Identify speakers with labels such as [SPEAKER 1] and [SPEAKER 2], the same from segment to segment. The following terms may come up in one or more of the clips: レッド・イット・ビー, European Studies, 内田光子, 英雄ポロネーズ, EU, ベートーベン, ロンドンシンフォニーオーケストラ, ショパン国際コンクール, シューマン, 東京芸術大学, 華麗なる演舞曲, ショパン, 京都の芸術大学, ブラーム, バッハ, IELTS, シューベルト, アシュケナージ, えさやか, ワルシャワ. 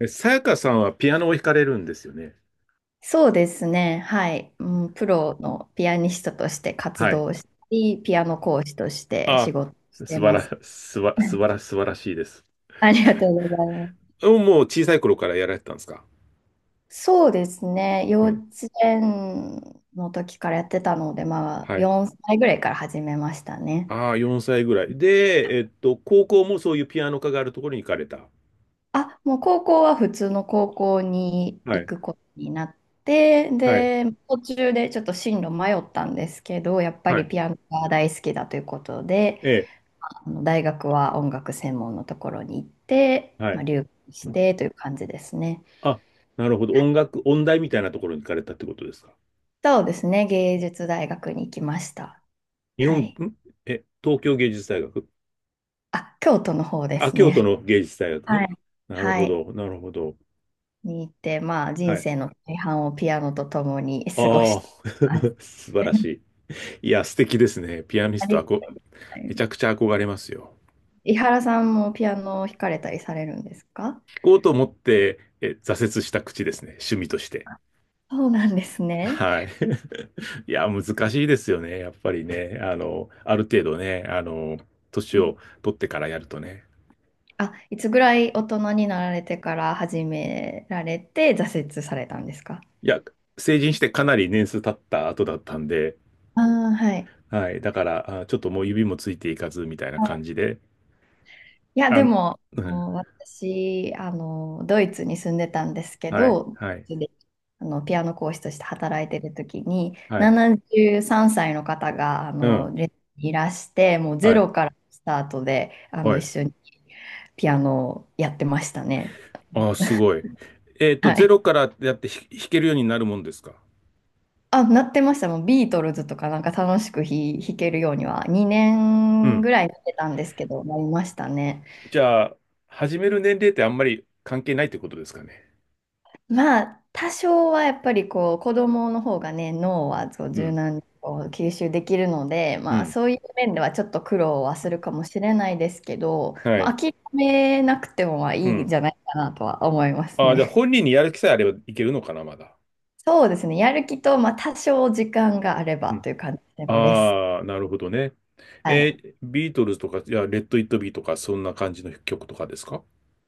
[SPEAKER 1] さやかさんはピアノを弾かれるんですよね。
[SPEAKER 2] そうですね。はい。うん、プロのピアニストとして活
[SPEAKER 1] はい。
[SPEAKER 2] 動したり、ピアノ講師として仕
[SPEAKER 1] あ、
[SPEAKER 2] 事してます。
[SPEAKER 1] 素晴らしいです。
[SPEAKER 2] ありがとうございます。
[SPEAKER 1] もう小さい頃からやられてたんですか？
[SPEAKER 2] そうですね。幼
[SPEAKER 1] う
[SPEAKER 2] 稚
[SPEAKER 1] ん。
[SPEAKER 2] 園の時からやってたので、まあ、
[SPEAKER 1] はい。
[SPEAKER 2] 4歳ぐらいから始めましたね。
[SPEAKER 1] ああ、4歳ぐらい。で、高校もそういうピアノ科があるところに行かれた。
[SPEAKER 2] あ、もう高校は普通の高校に
[SPEAKER 1] は
[SPEAKER 2] 行
[SPEAKER 1] い。
[SPEAKER 2] くことになって、
[SPEAKER 1] はい。
[SPEAKER 2] で、途中でちょっと進路迷ったんですけど、やっぱ
[SPEAKER 1] は
[SPEAKER 2] り
[SPEAKER 1] い。
[SPEAKER 2] ピアノが大好きだということで、
[SPEAKER 1] ええ。
[SPEAKER 2] 大学は音楽専門のところに行って、
[SPEAKER 1] は
[SPEAKER 2] まあ、
[SPEAKER 1] い。
[SPEAKER 2] 留学してという感じですね。
[SPEAKER 1] あ、なるほど。
[SPEAKER 2] はい。
[SPEAKER 1] 音楽、音大みたいなところに行かれたってことですか？
[SPEAKER 2] そうですね、芸術大学に行きました。
[SPEAKER 1] 日
[SPEAKER 2] は
[SPEAKER 1] 本、
[SPEAKER 2] い。
[SPEAKER 1] 東京芸術大学？
[SPEAKER 2] あ、京都の方で
[SPEAKER 1] あ、
[SPEAKER 2] す
[SPEAKER 1] 京都
[SPEAKER 2] ね。
[SPEAKER 1] の芸術大学
[SPEAKER 2] は
[SPEAKER 1] ね。
[SPEAKER 2] い。
[SPEAKER 1] なる
[SPEAKER 2] は
[SPEAKER 1] ほ
[SPEAKER 2] い。
[SPEAKER 1] ど。なるほど。
[SPEAKER 2] に行って、まあ、
[SPEAKER 1] は
[SPEAKER 2] 人
[SPEAKER 1] い。
[SPEAKER 2] 生の大半をピアノと共に過ご
[SPEAKER 1] あ
[SPEAKER 2] し
[SPEAKER 1] あ、
[SPEAKER 2] てます。
[SPEAKER 1] 素晴ら しい。いや、素敵ですね。ピアニ
[SPEAKER 2] あ
[SPEAKER 1] ス
[SPEAKER 2] り
[SPEAKER 1] ト、
[SPEAKER 2] がとうござい
[SPEAKER 1] めち
[SPEAKER 2] ます。
[SPEAKER 1] ゃくちゃ憧れますよ。
[SPEAKER 2] 伊原さんもピアノを弾かれたりされるんですか？
[SPEAKER 1] 弾こうと思って、挫折した口ですね。趣味として。
[SPEAKER 2] あ、そうなんですね。
[SPEAKER 1] はい。いや、難しいですよね。やっぱりね。あの、ある程度ね、あの、
[SPEAKER 2] う
[SPEAKER 1] 年
[SPEAKER 2] ん。
[SPEAKER 1] を取ってからやるとね。
[SPEAKER 2] あ、いつぐらい大人になられてから始められて挫折されたんですか？
[SPEAKER 1] いや、成人してかなり年数経った後だったんで、
[SPEAKER 2] ああ、はい。
[SPEAKER 1] はい。だから、あ、ちょっともう指もついていかず、みたいな感
[SPEAKER 2] あ、
[SPEAKER 1] じで。
[SPEAKER 2] いや、
[SPEAKER 1] あ、う
[SPEAKER 2] で
[SPEAKER 1] ん。
[SPEAKER 2] も、もう私、ドイツに住んでたんですけ
[SPEAKER 1] はい。
[SPEAKER 2] ど、
[SPEAKER 1] はい。
[SPEAKER 2] で、ピアノ講師として働いてる時に、
[SPEAKER 1] はい。
[SPEAKER 2] 73歳の方が、
[SPEAKER 1] うん。
[SPEAKER 2] レッスンにいらして、もうゼ
[SPEAKER 1] はい。
[SPEAKER 2] ロからスタートで、
[SPEAKER 1] は
[SPEAKER 2] 一
[SPEAKER 1] い。
[SPEAKER 2] 緒にピアノをやってましたね。
[SPEAKER 1] ああ、すごい。えっと、
[SPEAKER 2] は
[SPEAKER 1] ゼ
[SPEAKER 2] い。
[SPEAKER 1] ロからやって弾けるようになるもんですか。
[SPEAKER 2] あ、なってました。もうビートルズとかなんか楽しく弾けるようには、2
[SPEAKER 1] う
[SPEAKER 2] 年
[SPEAKER 1] ん。
[SPEAKER 2] ぐらいなってたんですけど、なりましたね。
[SPEAKER 1] じゃあ、始める年齢ってあんまり関係ないってことですかね。
[SPEAKER 2] まあ、多少はやっぱりこう、子供の方がね、脳はこう
[SPEAKER 1] う
[SPEAKER 2] 柔
[SPEAKER 1] ん。
[SPEAKER 2] 軟にこう吸収できるので、
[SPEAKER 1] う
[SPEAKER 2] まあ、
[SPEAKER 1] ん。
[SPEAKER 2] そういう面ではちょっと苦労はするかもしれないですけど、
[SPEAKER 1] は
[SPEAKER 2] ま
[SPEAKER 1] い。
[SPEAKER 2] あ、諦めなくてもまあい
[SPEAKER 1] う
[SPEAKER 2] いん
[SPEAKER 1] ん。
[SPEAKER 2] じゃないかなとは思います
[SPEAKER 1] ああ、じゃあ
[SPEAKER 2] ね。
[SPEAKER 1] 本人にやる気さえあればいけるのかな、まだ。
[SPEAKER 2] そうですね、やる気と、まあ、多少時間があれ
[SPEAKER 1] う
[SPEAKER 2] ば
[SPEAKER 1] ん。
[SPEAKER 2] という感じで、こうレッスン。
[SPEAKER 1] ああ、なるほどね。
[SPEAKER 2] はい。
[SPEAKER 1] ビートルズとか、いや、レッド・イット・ビーとか、そんな感じの曲とかですか？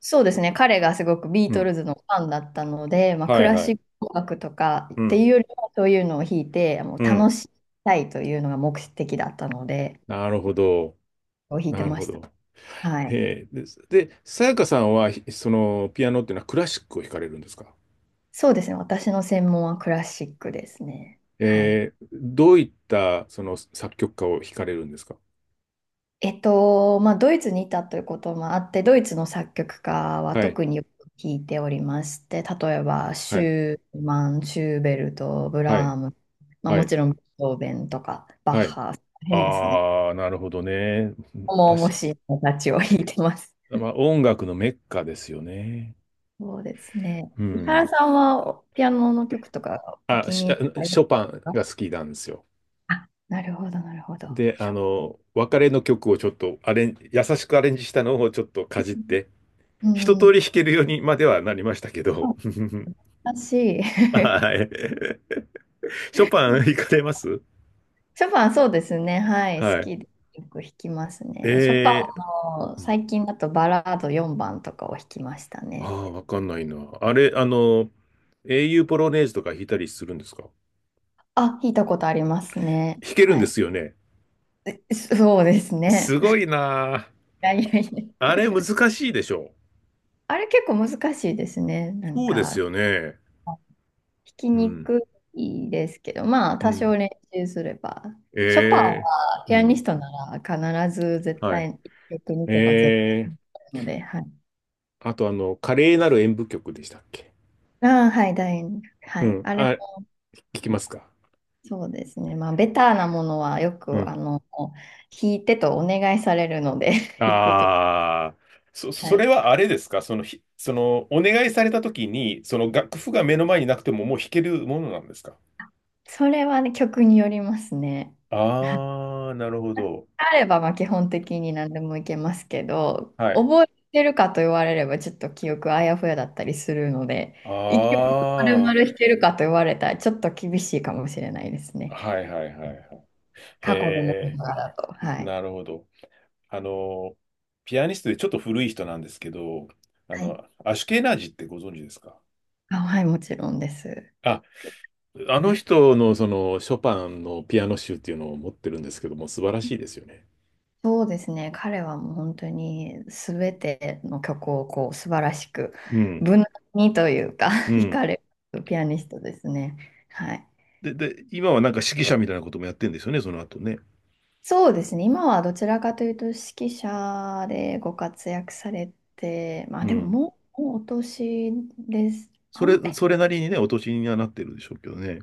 [SPEAKER 2] そうですね、彼がすごくビー
[SPEAKER 1] う
[SPEAKER 2] ト
[SPEAKER 1] ん。
[SPEAKER 2] ルズのファンだったので、まあ、ク
[SPEAKER 1] はい
[SPEAKER 2] ラ
[SPEAKER 1] は
[SPEAKER 2] シ
[SPEAKER 1] い。
[SPEAKER 2] ック音楽とかっ
[SPEAKER 1] う
[SPEAKER 2] てい
[SPEAKER 1] ん。
[SPEAKER 2] うよりは、そういうのを弾いて、もう
[SPEAKER 1] う
[SPEAKER 2] 楽
[SPEAKER 1] ん。
[SPEAKER 2] しみたいというのが目的だったので。
[SPEAKER 1] なるほど。
[SPEAKER 2] を弾いて
[SPEAKER 1] なる
[SPEAKER 2] ま
[SPEAKER 1] ほ
[SPEAKER 2] した。
[SPEAKER 1] ど。
[SPEAKER 2] はい。
[SPEAKER 1] へえ。で、さやかさんは、その、ピアノっていうのはクラシックを弾かれるんですか？
[SPEAKER 2] そうですね。私の専門はクラシックですね。はい。
[SPEAKER 1] どういったその作曲家を惹かれるんですか？
[SPEAKER 2] まあ、ドイツにいたということもあって、ドイツの作曲家は
[SPEAKER 1] はい、
[SPEAKER 2] 特によく弾いておりまして、例えば、
[SPEAKER 1] は
[SPEAKER 2] シ
[SPEAKER 1] い、
[SPEAKER 2] ューマン、シューベルト、ブ
[SPEAKER 1] は
[SPEAKER 2] ラー
[SPEAKER 1] い、
[SPEAKER 2] ム、まあ、
[SPEAKER 1] は
[SPEAKER 2] も
[SPEAKER 1] い、
[SPEAKER 2] ちろん、ベートーベンとか、バッ
[SPEAKER 1] はい。
[SPEAKER 2] ハ、変ですね。
[SPEAKER 1] ああ、なるほどね。
[SPEAKER 2] 重々
[SPEAKER 1] 確
[SPEAKER 2] しい人たちを弾いてます。
[SPEAKER 1] か、まあ、音楽のメッカですよね。
[SPEAKER 2] そうですね。
[SPEAKER 1] う
[SPEAKER 2] 伊
[SPEAKER 1] ん。
[SPEAKER 2] 原さんは、ピアノの曲とか、お聞
[SPEAKER 1] あ、
[SPEAKER 2] きになりま
[SPEAKER 1] シ
[SPEAKER 2] す
[SPEAKER 1] ョパン
[SPEAKER 2] か？
[SPEAKER 1] が好きなんですよ。
[SPEAKER 2] あ、なるほど、なるほど。
[SPEAKER 1] で、
[SPEAKER 2] シ
[SPEAKER 1] あ
[SPEAKER 2] ョパ
[SPEAKER 1] の、別れの曲をちょっとアレン、優しくアレンジしたのをちょっとかじっ
[SPEAKER 2] ン。
[SPEAKER 1] て、一
[SPEAKER 2] う
[SPEAKER 1] 通
[SPEAKER 2] ん。
[SPEAKER 1] り弾けるようにまではなりましたけど。
[SPEAKER 2] あ、 私、
[SPEAKER 1] はい。ショパン行かれます？
[SPEAKER 2] ショパン。そうですね。はい。好
[SPEAKER 1] はい。
[SPEAKER 2] きでよく弾きますね。ショパン
[SPEAKER 1] えー、
[SPEAKER 2] の
[SPEAKER 1] うん、
[SPEAKER 2] 最近だとバラード4番とかを弾きました
[SPEAKER 1] あ
[SPEAKER 2] ね。
[SPEAKER 1] あ、わかんないな。あれ、あの、英雄ポロネーズとか弾いたりするんですか？
[SPEAKER 2] あ、弾いたことありますね。
[SPEAKER 1] 弾けるん
[SPEAKER 2] は
[SPEAKER 1] で
[SPEAKER 2] い。
[SPEAKER 1] すよね。
[SPEAKER 2] そうです
[SPEAKER 1] す
[SPEAKER 2] ね。
[SPEAKER 1] ごい な
[SPEAKER 2] いやいやい
[SPEAKER 1] あ。
[SPEAKER 2] や。
[SPEAKER 1] あれ難しいでしょ。
[SPEAKER 2] あれ結構難しいですね。なん
[SPEAKER 1] そうです
[SPEAKER 2] か、
[SPEAKER 1] よね。
[SPEAKER 2] 弾き
[SPEAKER 1] う
[SPEAKER 2] に
[SPEAKER 1] ん。
[SPEAKER 2] くいですけど、まあ、
[SPEAKER 1] う
[SPEAKER 2] 多少
[SPEAKER 1] ん。
[SPEAKER 2] 練習すれば。ショパン
[SPEAKER 1] ええ、
[SPEAKER 2] はピ
[SPEAKER 1] う
[SPEAKER 2] アニス
[SPEAKER 1] ん。
[SPEAKER 2] トなら必ず絶
[SPEAKER 1] は
[SPEAKER 2] 対1曲
[SPEAKER 1] い。
[SPEAKER 2] 2とか絶対
[SPEAKER 1] ええ、
[SPEAKER 2] 弾くので、はい。
[SPEAKER 1] あと、あの、華麗なる演舞曲でしたっけ？
[SPEAKER 2] ああ、はい、楕円。は
[SPEAKER 1] う
[SPEAKER 2] い。
[SPEAKER 1] ん。
[SPEAKER 2] あれ
[SPEAKER 1] あ、
[SPEAKER 2] も
[SPEAKER 1] 聞きますか？
[SPEAKER 2] そうですね。まあ、ベターなものはよ
[SPEAKER 1] う
[SPEAKER 2] く、
[SPEAKER 1] ん。
[SPEAKER 2] 弾いてとお願いされるので 弾くと。
[SPEAKER 1] ああ、
[SPEAKER 2] は
[SPEAKER 1] それ
[SPEAKER 2] い。
[SPEAKER 1] はあれですか？その、お願いされた時に、その楽譜が目の前になくてももう弾けるものなんですか？
[SPEAKER 2] それはね、曲によりますね。はい。
[SPEAKER 1] ああ、なるほど。
[SPEAKER 2] あれば、まあ、基本的に何でもいけますけど、
[SPEAKER 1] はい。
[SPEAKER 2] 覚えてるかと言われれば、ちょっと記憶あやふやだったりするので、一
[SPEAKER 1] あ
[SPEAKER 2] 曲丸々弾けるかと言われたら、ちょっと厳しいかもしれないです
[SPEAKER 1] あ、
[SPEAKER 2] ね。
[SPEAKER 1] はいはいはいはい。へ
[SPEAKER 2] 過去のものとかだと。
[SPEAKER 1] え、
[SPEAKER 2] はい。
[SPEAKER 1] なるほど。あの、ピアニストでちょっと古い人なんですけど、あ
[SPEAKER 2] はい。
[SPEAKER 1] の、アシュケナージってご存知ですか？
[SPEAKER 2] あ、はい、もちろんです。
[SPEAKER 1] あ、あ
[SPEAKER 2] は
[SPEAKER 1] の
[SPEAKER 2] い。
[SPEAKER 1] 人のそのショパンのピアノ集っていうのを持ってるんですけども、素晴らしいですよね。
[SPEAKER 2] そうですね。彼はもう本当に全ての曲をこう素晴らしく、
[SPEAKER 1] うん、
[SPEAKER 2] 無難にというか
[SPEAKER 1] う
[SPEAKER 2] 弾
[SPEAKER 1] ん。
[SPEAKER 2] かれるピアニストですね。はい。
[SPEAKER 1] で、今はなんか指揮者みたいなこともやってるんですよね、その後ね。
[SPEAKER 2] そうですね。今はどちらかというと指揮者でご活躍されて、ま
[SPEAKER 1] う
[SPEAKER 2] あでも
[SPEAKER 1] ん。
[SPEAKER 2] もう、もうお年です。
[SPEAKER 1] それ、それなりにね、お年にはなってるでしょうけどね。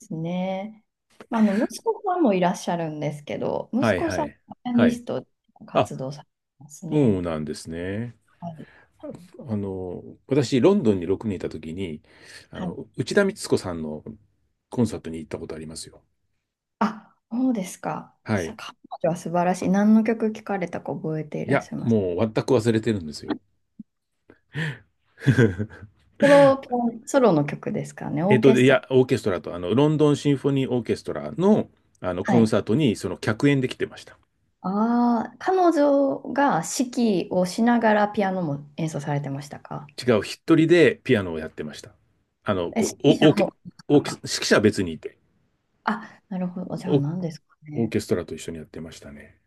[SPEAKER 2] ですね。まあ、あの息子さんもいらっしゃるんですけど、
[SPEAKER 1] は
[SPEAKER 2] 息
[SPEAKER 1] い
[SPEAKER 2] 子
[SPEAKER 1] は
[SPEAKER 2] さん
[SPEAKER 1] い。
[SPEAKER 2] はピア
[SPEAKER 1] は
[SPEAKER 2] ニ
[SPEAKER 1] い。
[SPEAKER 2] ストで
[SPEAKER 1] あ、
[SPEAKER 2] 活動されてます
[SPEAKER 1] そ
[SPEAKER 2] ね。
[SPEAKER 1] うなんですね。
[SPEAKER 2] はい。
[SPEAKER 1] あの、私、ロンドンに6年いたときに、あ
[SPEAKER 2] はい。
[SPEAKER 1] の、内田光子さんのコンサートに行ったことありますよ。
[SPEAKER 2] あ、そうですか。
[SPEAKER 1] はい。
[SPEAKER 2] 彼女は素晴らしい。何の曲聞かれたか覚えてい
[SPEAKER 1] い
[SPEAKER 2] らっ
[SPEAKER 1] や、
[SPEAKER 2] しゃいます？
[SPEAKER 1] もう全く忘れてるんですよ。
[SPEAKER 2] ソロ、ピアノソロの曲ですかね、
[SPEAKER 1] え
[SPEAKER 2] オ
[SPEAKER 1] っ
[SPEAKER 2] ー
[SPEAKER 1] と、
[SPEAKER 2] ケ
[SPEAKER 1] で、い
[SPEAKER 2] ストラ。
[SPEAKER 1] や、オーケストラと、あの、ロンドンシンフォニーオーケストラの、あの、コ
[SPEAKER 2] は
[SPEAKER 1] ン
[SPEAKER 2] い。
[SPEAKER 1] サートに、その、客演で来てました。
[SPEAKER 2] ああ、彼女が指揮をしながらピアノも演奏されてましたか？
[SPEAKER 1] 違う、一人でピアノをやってました。あの、
[SPEAKER 2] え、指
[SPEAKER 1] こう、
[SPEAKER 2] 揮者
[SPEAKER 1] おオーケ、
[SPEAKER 2] も、
[SPEAKER 1] オ
[SPEAKER 2] な
[SPEAKER 1] ー
[SPEAKER 2] ん
[SPEAKER 1] ケ、
[SPEAKER 2] か。
[SPEAKER 1] 指揮者は別にいて、
[SPEAKER 2] あ、なるほど。じゃ
[SPEAKER 1] オ、
[SPEAKER 2] あ
[SPEAKER 1] オ
[SPEAKER 2] 何ですか
[SPEAKER 1] ー
[SPEAKER 2] ね。
[SPEAKER 1] ケストラと一緒にやってましたね。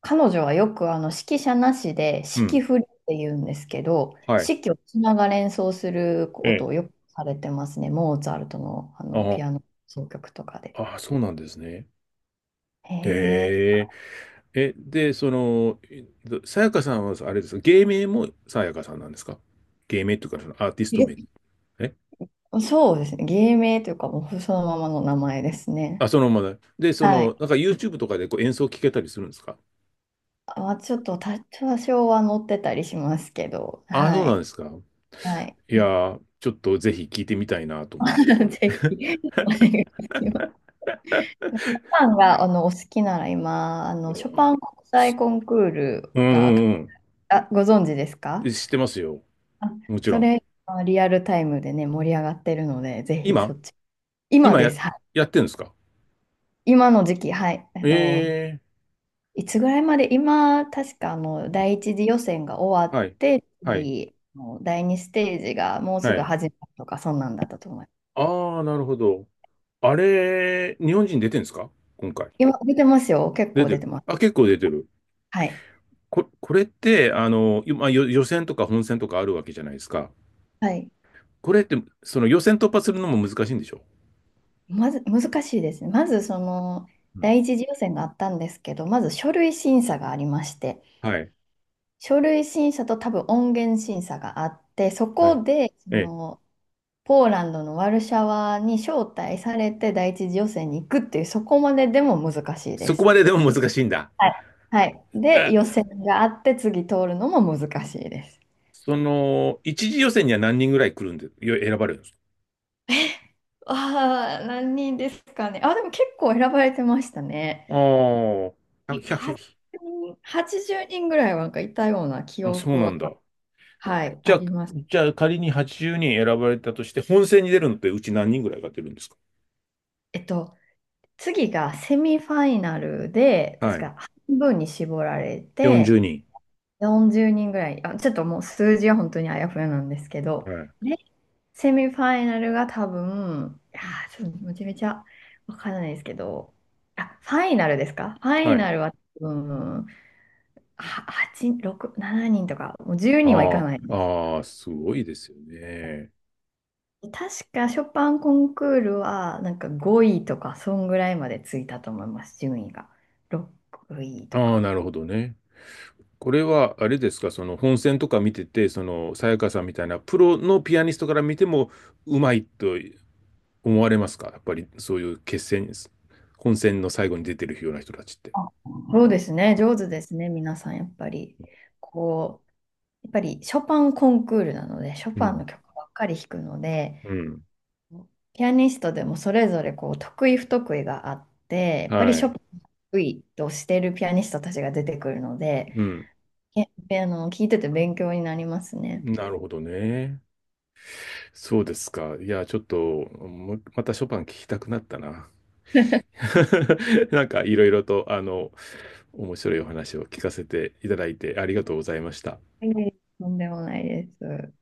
[SPEAKER 2] 彼女はよく指揮者なしで
[SPEAKER 1] う
[SPEAKER 2] 指揮
[SPEAKER 1] ん。
[SPEAKER 2] 振りって言うんですけど、
[SPEAKER 1] はい。
[SPEAKER 2] 指揮をしながら演奏する
[SPEAKER 1] え
[SPEAKER 2] こと
[SPEAKER 1] え。
[SPEAKER 2] をよくされてますね。モーツァルトの、ピ
[SPEAKER 1] あ、
[SPEAKER 2] アノ奏曲とかで。
[SPEAKER 1] あ、そうなんですね。
[SPEAKER 2] へえ。
[SPEAKER 1] ええ、で、その、さやかさんは、あれですか、芸名もさやかさんなんですか？芸名っていうか、そのアーティスト名。
[SPEAKER 2] え。
[SPEAKER 1] え
[SPEAKER 2] そうですね。芸名というか、もうそのままの名前です
[SPEAKER 1] あ、
[SPEAKER 2] ね。
[SPEAKER 1] そのままだ。で、そ
[SPEAKER 2] はい。
[SPEAKER 1] の、なんか YouTube とかでこう演奏聞けたりするんですか？
[SPEAKER 2] まあ、ちょっと多少は載ってたりしますけど、
[SPEAKER 1] あ、そう
[SPEAKER 2] は
[SPEAKER 1] なん
[SPEAKER 2] い。
[SPEAKER 1] ですか。
[SPEAKER 2] はい。
[SPEAKER 1] いやー、ちょっとぜひ聞いてみたいなと思って。
[SPEAKER 2] ぜひ、お願いします。ショパンが、お好きなら今、ショパン国際
[SPEAKER 1] す
[SPEAKER 2] コンクール
[SPEAKER 1] うん
[SPEAKER 2] が、
[SPEAKER 1] うん
[SPEAKER 2] あ、ご存知です
[SPEAKER 1] う
[SPEAKER 2] か？
[SPEAKER 1] ん。知ってますよ。
[SPEAKER 2] あ、
[SPEAKER 1] もち
[SPEAKER 2] そ
[SPEAKER 1] ろん。
[SPEAKER 2] れ、まあリアルタイムでね、盛り上がってるので、ぜひ
[SPEAKER 1] 今？
[SPEAKER 2] そっち。今
[SPEAKER 1] 今
[SPEAKER 2] で
[SPEAKER 1] や、
[SPEAKER 2] す。はい。
[SPEAKER 1] やってるんですか？
[SPEAKER 2] 今の時期、はい。
[SPEAKER 1] ええ、
[SPEAKER 2] いつぐらいまで、今、確か第一次予選が終わ
[SPEAKER 1] は
[SPEAKER 2] っ
[SPEAKER 1] い。
[SPEAKER 2] て、
[SPEAKER 1] はい。
[SPEAKER 2] 次、もう第二ステージがもう
[SPEAKER 1] は
[SPEAKER 2] すぐ
[SPEAKER 1] い。
[SPEAKER 2] 始まるとか、そんなんだったと思います。
[SPEAKER 1] ああ、なるほど。あれ、日本人出てるんですか、今回？
[SPEAKER 2] 今、出てますよ。結
[SPEAKER 1] 出
[SPEAKER 2] 構
[SPEAKER 1] て
[SPEAKER 2] 出て
[SPEAKER 1] る。
[SPEAKER 2] ます。
[SPEAKER 1] あ、結構出てる。
[SPEAKER 2] はい。
[SPEAKER 1] これって、あの、まあ、予選とか本戦とかあるわけじゃないですか。
[SPEAKER 2] はい。
[SPEAKER 1] これって、その予選突破するのも難しいんでしょ？
[SPEAKER 2] まず、難しいですね。まず、
[SPEAKER 1] うん。
[SPEAKER 2] 第一次予選があったんですけど、まず書類審査がありまして、
[SPEAKER 1] はい。
[SPEAKER 2] 書類審査と多分音源審査があって、そ
[SPEAKER 1] はい。
[SPEAKER 2] こで、
[SPEAKER 1] ええ。
[SPEAKER 2] ポーランドのワルシャワに招待されて第一次予選に行くっていう、そこまででも難しいで
[SPEAKER 1] そこ
[SPEAKER 2] す。
[SPEAKER 1] まででも難しいんだ。
[SPEAKER 2] はい。はい。で、
[SPEAKER 1] あ、
[SPEAKER 2] 予選があって、次通るのも難しいです。
[SPEAKER 1] その、一次予選には何人ぐらい来るんで、選ばれるんですか？
[SPEAKER 2] ああ、何人ですかね。あ、でも結構選ばれてましたね。
[SPEAKER 1] ああー、100、ひゃく
[SPEAKER 2] 80人、80人ぐらいはなんかいたような記
[SPEAKER 1] あ、そう
[SPEAKER 2] 憶
[SPEAKER 1] な
[SPEAKER 2] は、
[SPEAKER 1] んだ。
[SPEAKER 2] はい、
[SPEAKER 1] じ
[SPEAKER 2] あ
[SPEAKER 1] ゃあ、
[SPEAKER 2] ります。
[SPEAKER 1] じゃあ、仮に80人選ばれたとして、本戦に出るのってうち何人ぐらいが出るんですか？
[SPEAKER 2] えっと、次がセミファイナルで、
[SPEAKER 1] は
[SPEAKER 2] 確
[SPEAKER 1] い。
[SPEAKER 2] か半分に絞られ
[SPEAKER 1] 40
[SPEAKER 2] て、
[SPEAKER 1] 人。
[SPEAKER 2] 40人ぐらい、あ、ちょっともう数字は本当にあやふやなんですけど、
[SPEAKER 1] はい。
[SPEAKER 2] でセミファイナルが多分、いやー、ちょっとめちゃめちゃわからないですけど、あ、ファイナルですか。ファイ
[SPEAKER 1] は
[SPEAKER 2] ナ
[SPEAKER 1] い。
[SPEAKER 2] ルは多分、は8、6、7人とか、もう10人はいか
[SPEAKER 1] あ
[SPEAKER 2] ないで
[SPEAKER 1] あ、
[SPEAKER 2] す。
[SPEAKER 1] ああ、すごいですよね。
[SPEAKER 2] 確かショパンコンクールはなんか5位とか、そんぐらいまでついたと思います、順位が。6位と
[SPEAKER 1] ああ、
[SPEAKER 2] か。
[SPEAKER 1] なるほどね。これは、あれですか、その本戦とか見てて、その、さやかさんみたいなプロのピアニストから見ても、うまいと思われますか？やっぱり、そういう決戦、本戦の最後に出てるような人たちって。
[SPEAKER 2] そうですね、上手ですね、皆さん、やっぱり。こう、やっぱりショパンコンクールなので、ショ
[SPEAKER 1] う
[SPEAKER 2] パンの
[SPEAKER 1] ん。
[SPEAKER 2] 曲ばっかり弾くので、
[SPEAKER 1] うん。
[SPEAKER 2] ピアニストでもそれぞれこう得意不得意があって、やっぱり
[SPEAKER 1] は
[SPEAKER 2] ショ
[SPEAKER 1] い。
[SPEAKER 2] パンが得意としているピアニストたちが出てくるので、
[SPEAKER 1] うん。
[SPEAKER 2] え、あの、聞いてて勉強になりますね。
[SPEAKER 1] なるほどね。そうですか。いや、ちょっと、またショパン聞きたくなったな。なんか、いろいろと、あの、面白いお話を聞かせていただいてありがとうございました。
[SPEAKER 2] うとんでもないです。